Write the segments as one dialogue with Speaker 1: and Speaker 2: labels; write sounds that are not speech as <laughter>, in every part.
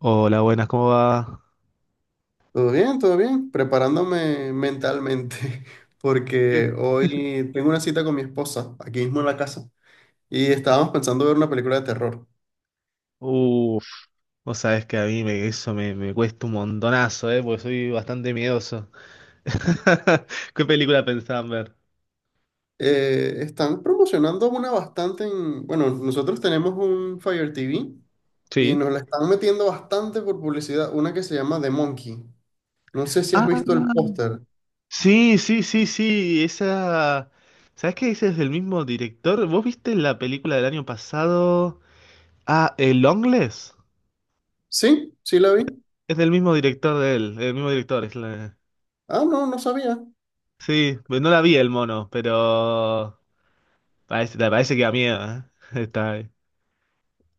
Speaker 1: Hola, buenas, ¿cómo va?
Speaker 2: Todo bien, preparándome mentalmente, <laughs> porque
Speaker 1: Bien.
Speaker 2: hoy tengo una cita con mi esposa, aquí mismo en la casa, y estábamos pensando ver una película de terror.
Speaker 1: Uf, vos sabés que a mí me, cuesta un montonazo, ¿eh? Porque soy bastante miedoso. <laughs> ¿Qué película pensaban ver?
Speaker 2: Están promocionando una bastante en, bueno, nosotros tenemos un Fire TV y
Speaker 1: Sí.
Speaker 2: nos la están metiendo bastante por publicidad, una que se llama The Monkey. No sé si has
Speaker 1: Ah,
Speaker 2: visto el póster.
Speaker 1: sí, sí, sí, sí, esa... ¿Sabés que ese es del mismo director? ¿Vos viste la película del año pasado? Ah, ¿El Longlegs?
Speaker 2: ¿Sí? ¿Sí la vi?
Speaker 1: Es del mismo director de él, el mismo director. Es la-
Speaker 2: Ah, no, no sabía.
Speaker 1: Sí, no la vi el mono, pero parece que da miedo, ¿eh? <laughs> Está... ahí.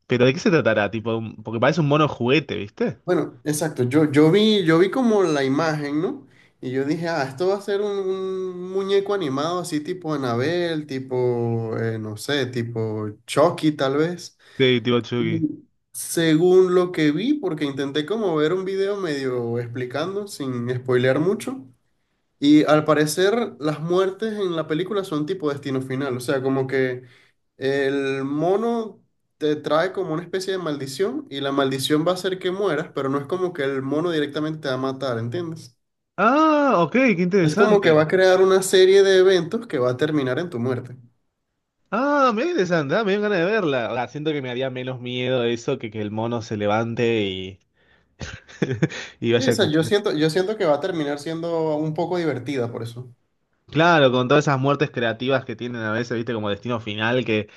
Speaker 1: ¿Pero de qué se tratará? Tipo, un- porque parece un mono juguete, ¿viste?
Speaker 2: Bueno, exacto. Yo vi como la imagen, ¿no? Y yo dije, ah, esto va a ser un muñeco animado así tipo Anabel, tipo, no sé, tipo Chucky tal vez.
Speaker 1: Sí, tipo Chucky.
Speaker 2: Y según lo que vi, porque intenté como ver un video medio explicando, sin spoilear mucho. Y al parecer las muertes en la película son tipo destino final. O sea, como que el mono te trae como una especie de maldición y la maldición va a hacer que mueras, pero no es como que el mono directamente te va a matar, ¿entiendes?
Speaker 1: Ah, ok, qué
Speaker 2: Es como
Speaker 1: interesante.
Speaker 2: que va a crear una serie de eventos que va a terminar en tu muerte.
Speaker 1: Ah, me interesante, ah, me dio ganas de verla. O sea, siento que me haría menos miedo eso que el mono se levante y, <laughs> y
Speaker 2: Sí, o
Speaker 1: vaya a
Speaker 2: sea, yo
Speaker 1: cuchillo.
Speaker 2: siento, yo siento que va a terminar siendo un poco divertida por eso.
Speaker 1: Claro, con todas esas muertes creativas que tienen a veces, viste, como destino final, que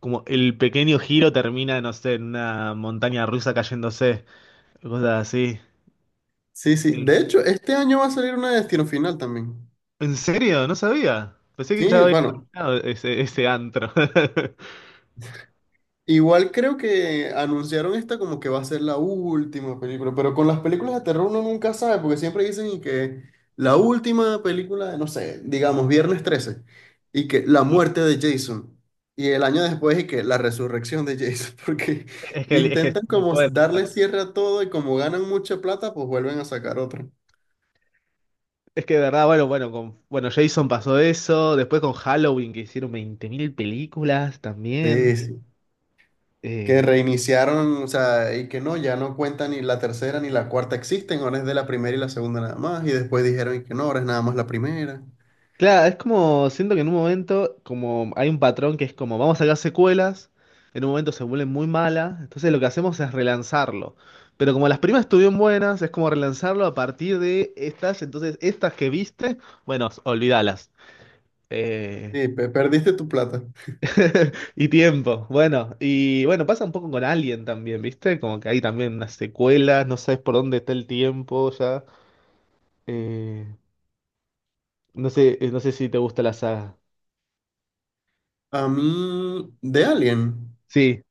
Speaker 1: como el pequeño giro termina, no sé, en una montaña rusa cayéndose, cosas así.
Speaker 2: Sí, sí.
Speaker 1: Eh,
Speaker 2: De hecho, este año va a salir una de Destino Final también.
Speaker 1: ¿En serio? No sabía. Pensé que ya
Speaker 2: Sí,
Speaker 1: había
Speaker 2: bueno,
Speaker 1: terminado ese antro. <laughs>
Speaker 2: igual creo que anunciaron esta como que va a ser la última película, pero con las películas de terror uno nunca sabe, porque siempre dicen y que la última película de, no sé, digamos, Viernes 13, y que la muerte de Jason, y el año después y que la resurrección de Jason, <laughs> porque
Speaker 1: Es que
Speaker 2: intentan
Speaker 1: no
Speaker 2: como
Speaker 1: puede.
Speaker 2: darle cierre a todo y como ganan mucha plata, pues vuelven a sacar otra.
Speaker 1: Es que de verdad, bueno, bueno, bueno, Jason pasó eso, después con Halloween que hicieron 20.000 películas también.
Speaker 2: Sí, sí. Que
Speaker 1: Eh,
Speaker 2: reiniciaron, o sea, y que no, ya no cuenta ni la tercera ni la cuarta existen, ahora es de la primera y la segunda nada más, y después dijeron y que no, ahora es nada más la primera.
Speaker 1: claro, es como, siento que en un momento, como hay un patrón que es como, vamos a sacar secuelas, en un momento se vuelven muy malas, entonces lo que hacemos es relanzarlo. Pero como las primas estuvieron buenas, es como relanzarlo a partir de estas, entonces estas que viste, bueno, olvídalas. Eh,
Speaker 2: Sí, perdiste tu plata.
Speaker 1: <laughs> y tiempo, bueno, y bueno, pasa un poco con Alien también, ¿viste? Como que hay también unas secuelas, no sabes por dónde está el tiempo ya. Eh, no sé, no sé si te gusta la saga.
Speaker 2: A mí, de Alien,
Speaker 1: Sí,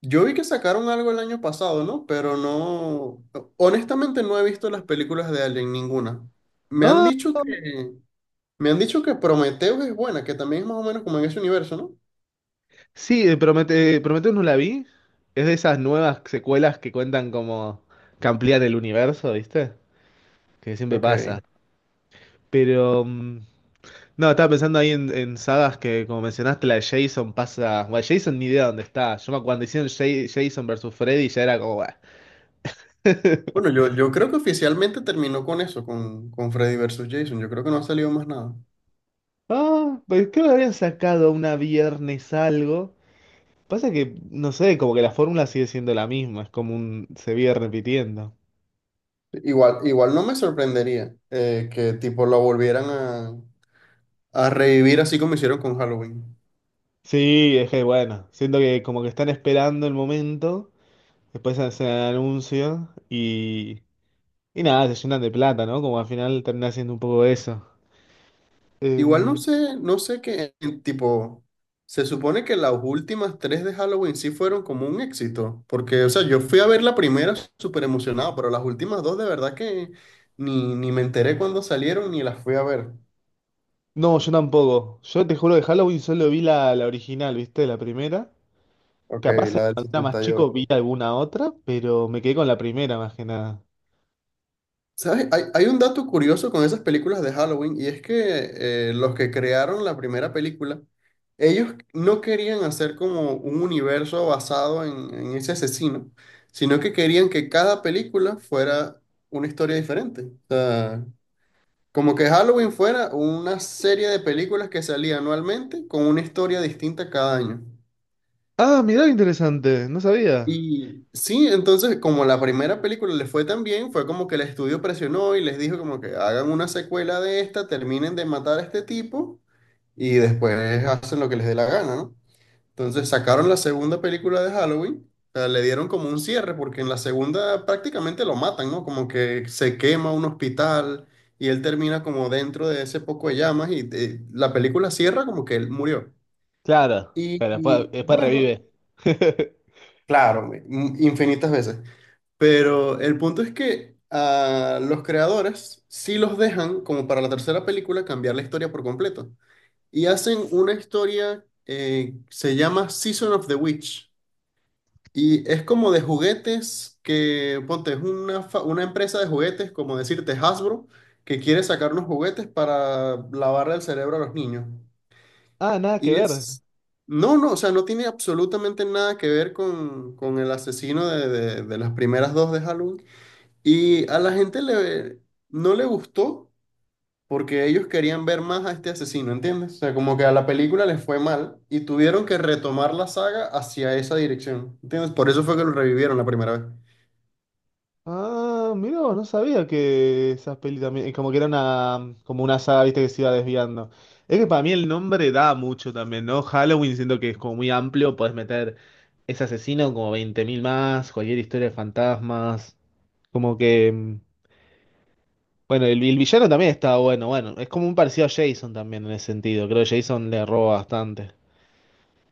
Speaker 2: yo vi que sacaron algo el año pasado, ¿no? Pero no, honestamente no he visto las películas de Alien, ninguna. Me han dicho que, me han dicho que Prometheus es buena, que también es más o menos como en ese universo, ¿no?
Speaker 1: sí, Prometheus no la vi. Es de esas nuevas secuelas que cuentan como que amplían el universo, ¿viste? Que siempre
Speaker 2: Ok.
Speaker 1: pasa. Pero no, estaba pensando ahí en sagas que, como mencionaste, la de Jason pasa. Bueno, Jason ni idea dónde está. Yo me acuerdo cuando hicieron Jason versus Freddy ya era como. "Buah,
Speaker 2: Bueno, yo creo que oficialmente terminó con eso, con Freddy versus Jason. Yo creo que no ha salido más nada.
Speaker 1: Ah, pues creo que habían sacado una viernes algo. Pasa que, no sé, como que la fórmula sigue siendo la misma, es como un, se viene repitiendo.
Speaker 2: Igual, igual no me sorprendería que tipo lo volvieran a revivir así como hicieron con Halloween.
Speaker 1: Sí, es que bueno, siento que como que están esperando el momento, después hacen el anuncio y nada, se llenan de plata, ¿no? Como al final termina siendo un poco eso.
Speaker 2: Igual no
Speaker 1: Em,
Speaker 2: sé, no sé qué, tipo, se supone que las últimas tres de Halloween sí fueron como un éxito. Porque, o sea, yo fui a ver la primera súper emocionado, pero las últimas dos de verdad que ni me enteré cuando salieron ni las fui a ver.
Speaker 1: no, yo tampoco. Yo te juro que Halloween solo vi la original, ¿viste? La primera.
Speaker 2: Ok,
Speaker 1: Capaz
Speaker 2: la del
Speaker 1: cuando era más
Speaker 2: setenta y
Speaker 1: chico
Speaker 2: ocho.
Speaker 1: vi alguna otra, pero me quedé con la primera más que nada.
Speaker 2: ¿Sabes? Hay un dato curioso con esas películas de Halloween y es que los que crearon la primera película, ellos no querían hacer como un universo basado en ese asesino, sino que querían que cada película fuera una historia diferente. O sea, como que Halloween fuera una serie de películas que salía anualmente con una historia distinta cada año.
Speaker 1: Ah, mirá, qué interesante, no sabía.
Speaker 2: Y sí, entonces como la primera película les fue tan bien, fue como que el estudio presionó y les dijo como que hagan una secuela de esta, terminen de matar a este tipo y después hacen lo que les dé la gana, ¿no? Entonces sacaron la segunda película de Halloween, o sea, le dieron como un cierre porque en la segunda prácticamente lo matan, ¿no? Como que se quema un hospital y él termina como dentro de ese poco de llamas y la película cierra como que él murió.
Speaker 1: Claro, pero después, después
Speaker 2: Bueno,
Speaker 1: revive. <laughs>
Speaker 2: claro, infinitas veces. Pero el punto es que a los creadores sí los dejan, como para la tercera película, cambiar la historia por completo. Y hacen una historia se llama Season of the Witch. Y es como de juguetes que, ponte, es una, una empresa de juguetes, como decirte Hasbro, que quiere sacar unos juguetes para lavarle el cerebro a los niños.
Speaker 1: Ah, nada que
Speaker 2: Y
Speaker 1: ver.
Speaker 2: es... No, no, o sea, no tiene absolutamente nada que ver con el asesino de, de las primeras dos de Halloween y a la gente, no le gustó porque ellos querían ver más a este asesino, ¿entiendes? O sea, como que a la película les fue mal y tuvieron que retomar la saga hacia esa dirección, ¿entiendes? Por eso fue que lo revivieron la primera vez.
Speaker 1: Ah, mirá, vos, no sabía que esas pelis también, como que era una, como una saga, viste, que se iba desviando. Es que para mí el nombre da mucho también, ¿no? Halloween siento que es como muy amplio, podés meter ese asesino como 20.000 más, cualquier historia de fantasmas, como que, bueno, el villano también está bueno, bueno, es como un parecido a Jason también en ese sentido, creo que Jason le roba bastante.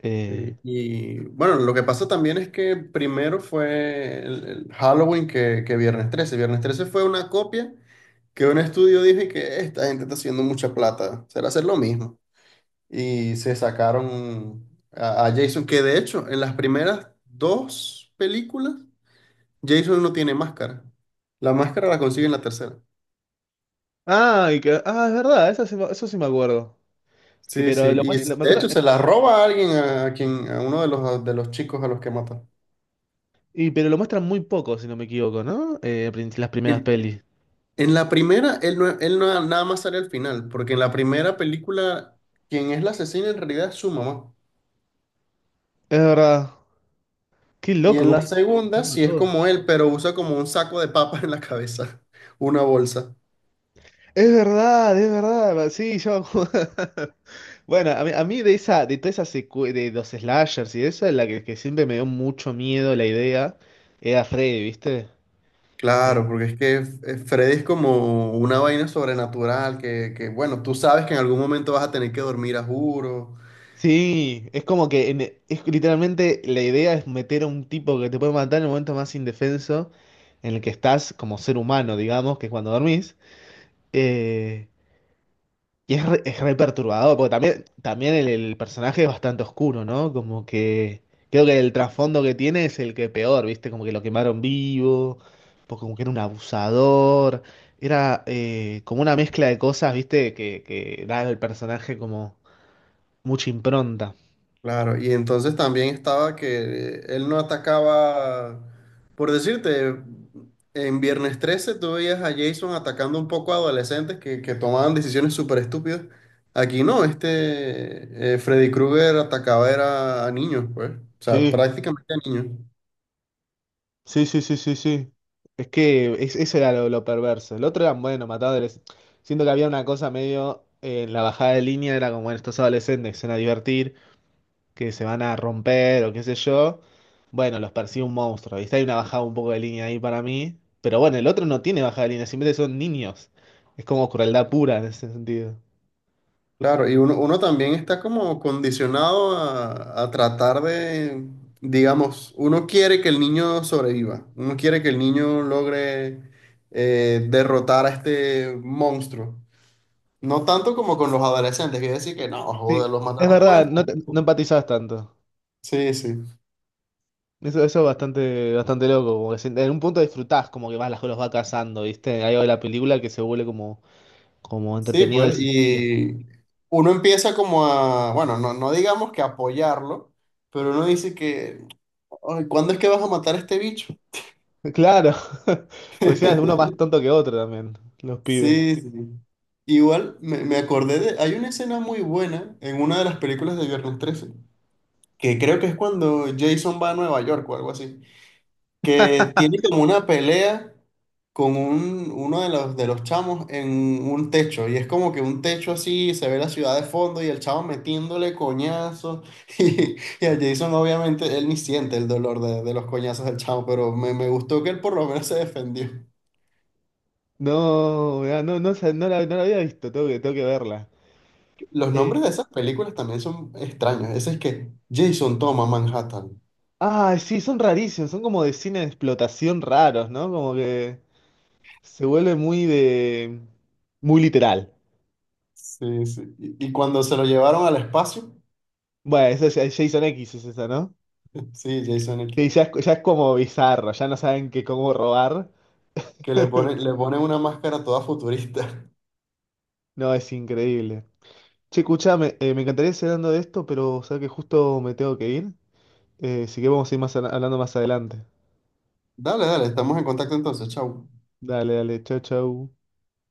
Speaker 1: Eh,
Speaker 2: Sí. Y bueno, lo que pasa también es que primero fue el Halloween que Viernes 13. Viernes trece fue una copia que un estudio dijo y que esta gente está haciendo mucha plata, será hacer lo mismo. Y se sacaron a Jason, que de hecho en las primeras dos películas Jason no tiene máscara. La máscara la consigue en la tercera.
Speaker 1: Ah, es verdad, eso sí, eso sí me acuerdo. Que,
Speaker 2: Sí, sí,
Speaker 1: pero, lo,
Speaker 2: y sí.
Speaker 1: muest- lo- me
Speaker 2: De
Speaker 1: acuerdo-
Speaker 2: hecho se la roba a alguien, a quien, a uno de de los chicos a los que mata.
Speaker 1: y, pero lo muestran muy poco, si no me equivoco, ¿no? Las primeras
Speaker 2: En,
Speaker 1: pelis.
Speaker 2: en la primera, él, no, nada más sale al final, porque en la primera película, quien es la asesina en realidad es su mamá.
Speaker 1: Es verdad. Qué
Speaker 2: Y
Speaker 1: loco,
Speaker 2: en
Speaker 1: cómo
Speaker 2: la
Speaker 1: están
Speaker 2: segunda,
Speaker 1: utilizando
Speaker 2: sí es
Speaker 1: todo.
Speaker 2: como él, pero usa como un saco de papas en la cabeza, <laughs> una bolsa.
Speaker 1: Es verdad, es verdad. Sí, yo me acuerdo. <laughs> Bueno, a mí de esa, de toda esa de los slashers y eso, es la que siempre me dio mucho miedo la idea, era Freddy, ¿viste?
Speaker 2: Claro,
Speaker 1: Eh,
Speaker 2: porque es que Freddy es como una vaina sobrenatural que, bueno, tú sabes que en algún momento vas a tener que dormir a juro.
Speaker 1: Sí, es como que es literalmente la idea es meter a un tipo que te puede matar en el momento más indefenso en el que estás como ser humano, digamos, que es cuando dormís. Eh, y es re perturbador, porque también, también el personaje es bastante oscuro, ¿no? Como que creo que el trasfondo que tiene es el que peor, ¿viste? Como que lo quemaron vivo, porque como que era un abusador, era como una mezcla de cosas, ¿viste? Que da al personaje como mucha impronta.
Speaker 2: Claro, y entonces también estaba que él no atacaba, por decirte, en Viernes 13 tú veías a Jason atacando un poco a adolescentes que tomaban decisiones súper estúpidas. Aquí no, este Freddy Krueger atacaba era a niños, pues, o sea,
Speaker 1: Sí.
Speaker 2: prácticamente a niños.
Speaker 1: Sí, sí, sí, sí, sí. Es que eso era lo perverso. El otro era, bueno, matadores. Siento que había una cosa medio en la bajada de línea, era como, bueno, estos adolescentes que se van a divertir, que se van a romper o qué sé yo. Bueno, los persigue un monstruo. ¿Viste? Hay una bajada un poco de línea ahí para mí. Pero bueno, el otro no tiene bajada de línea, simplemente son niños. Es como crueldad pura en ese sentido.
Speaker 2: Claro, y uno también está como condicionado a tratar de, digamos, uno quiere que el niño sobreviva, uno quiere que el niño logre derrotar a este monstruo. No tanto como con los adolescentes, que decir que no, joder,
Speaker 1: Sí,
Speaker 2: los
Speaker 1: es
Speaker 2: mataron por
Speaker 1: verdad,
Speaker 2: esto.
Speaker 1: no, no empatizás tanto.
Speaker 2: Sí, sí.
Speaker 1: Eso es bastante, bastante loco, como que en un punto disfrutás, como que vas, los va cazando, ¿viste? Hay algo de la película que se vuelve como, como
Speaker 2: Sí,
Speaker 1: entretenido de
Speaker 2: pues,
Speaker 1: ese estilo.
Speaker 2: y uno empieza como a, bueno, no, no digamos que apoyarlo, pero uno dice que, "Ay, ¿cuándo es que vas a matar a este bicho?".
Speaker 1: <laughs> Claro, <laughs> pues ya, uno más
Speaker 2: <laughs>
Speaker 1: tonto que otro también, los pibes.
Speaker 2: Sí, sí. Igual me acordé de, hay una escena muy buena en una de las películas de Viernes 13, que creo que es cuando Jason va a Nueva York o algo así, que tiene como una pelea con un, uno de de los chamos en un techo, y es como que un techo así, se ve la ciudad de fondo y el chavo metiéndole coñazos, <laughs> y a Jason obviamente él ni siente el dolor de los coñazos del chavo, pero me gustó que él por lo menos se defendió.
Speaker 1: No, mirá, no la había visto, tengo que verla.
Speaker 2: Los
Speaker 1: Eh,
Speaker 2: nombres de esas películas también son extraños. Ese es que Jason toma Manhattan.
Speaker 1: ah, sí, son rarísimos, son como de cine de explotación raros, ¿no? Como que se vuelve muy de... muy literal.
Speaker 2: Sí, sí. Y cuando se lo llevaron al espacio,
Speaker 1: Bueno, eso es Jason X es eso, ¿no?
Speaker 2: <laughs> sí, Jason
Speaker 1: Sí,
Speaker 2: X,
Speaker 1: ya es como bizarro, ya no saben que cómo robar.
Speaker 2: que le ponen una máscara toda futurista.
Speaker 1: No, es increíble. Che, escuchame, me encantaría seguir hablando de esto, pero sabes que justo me tengo que ir. Así que vamos a ir más, hablando más adelante.
Speaker 2: <laughs> Dale, dale, estamos en contacto entonces, chao.
Speaker 1: Dale, dale, chau, chau.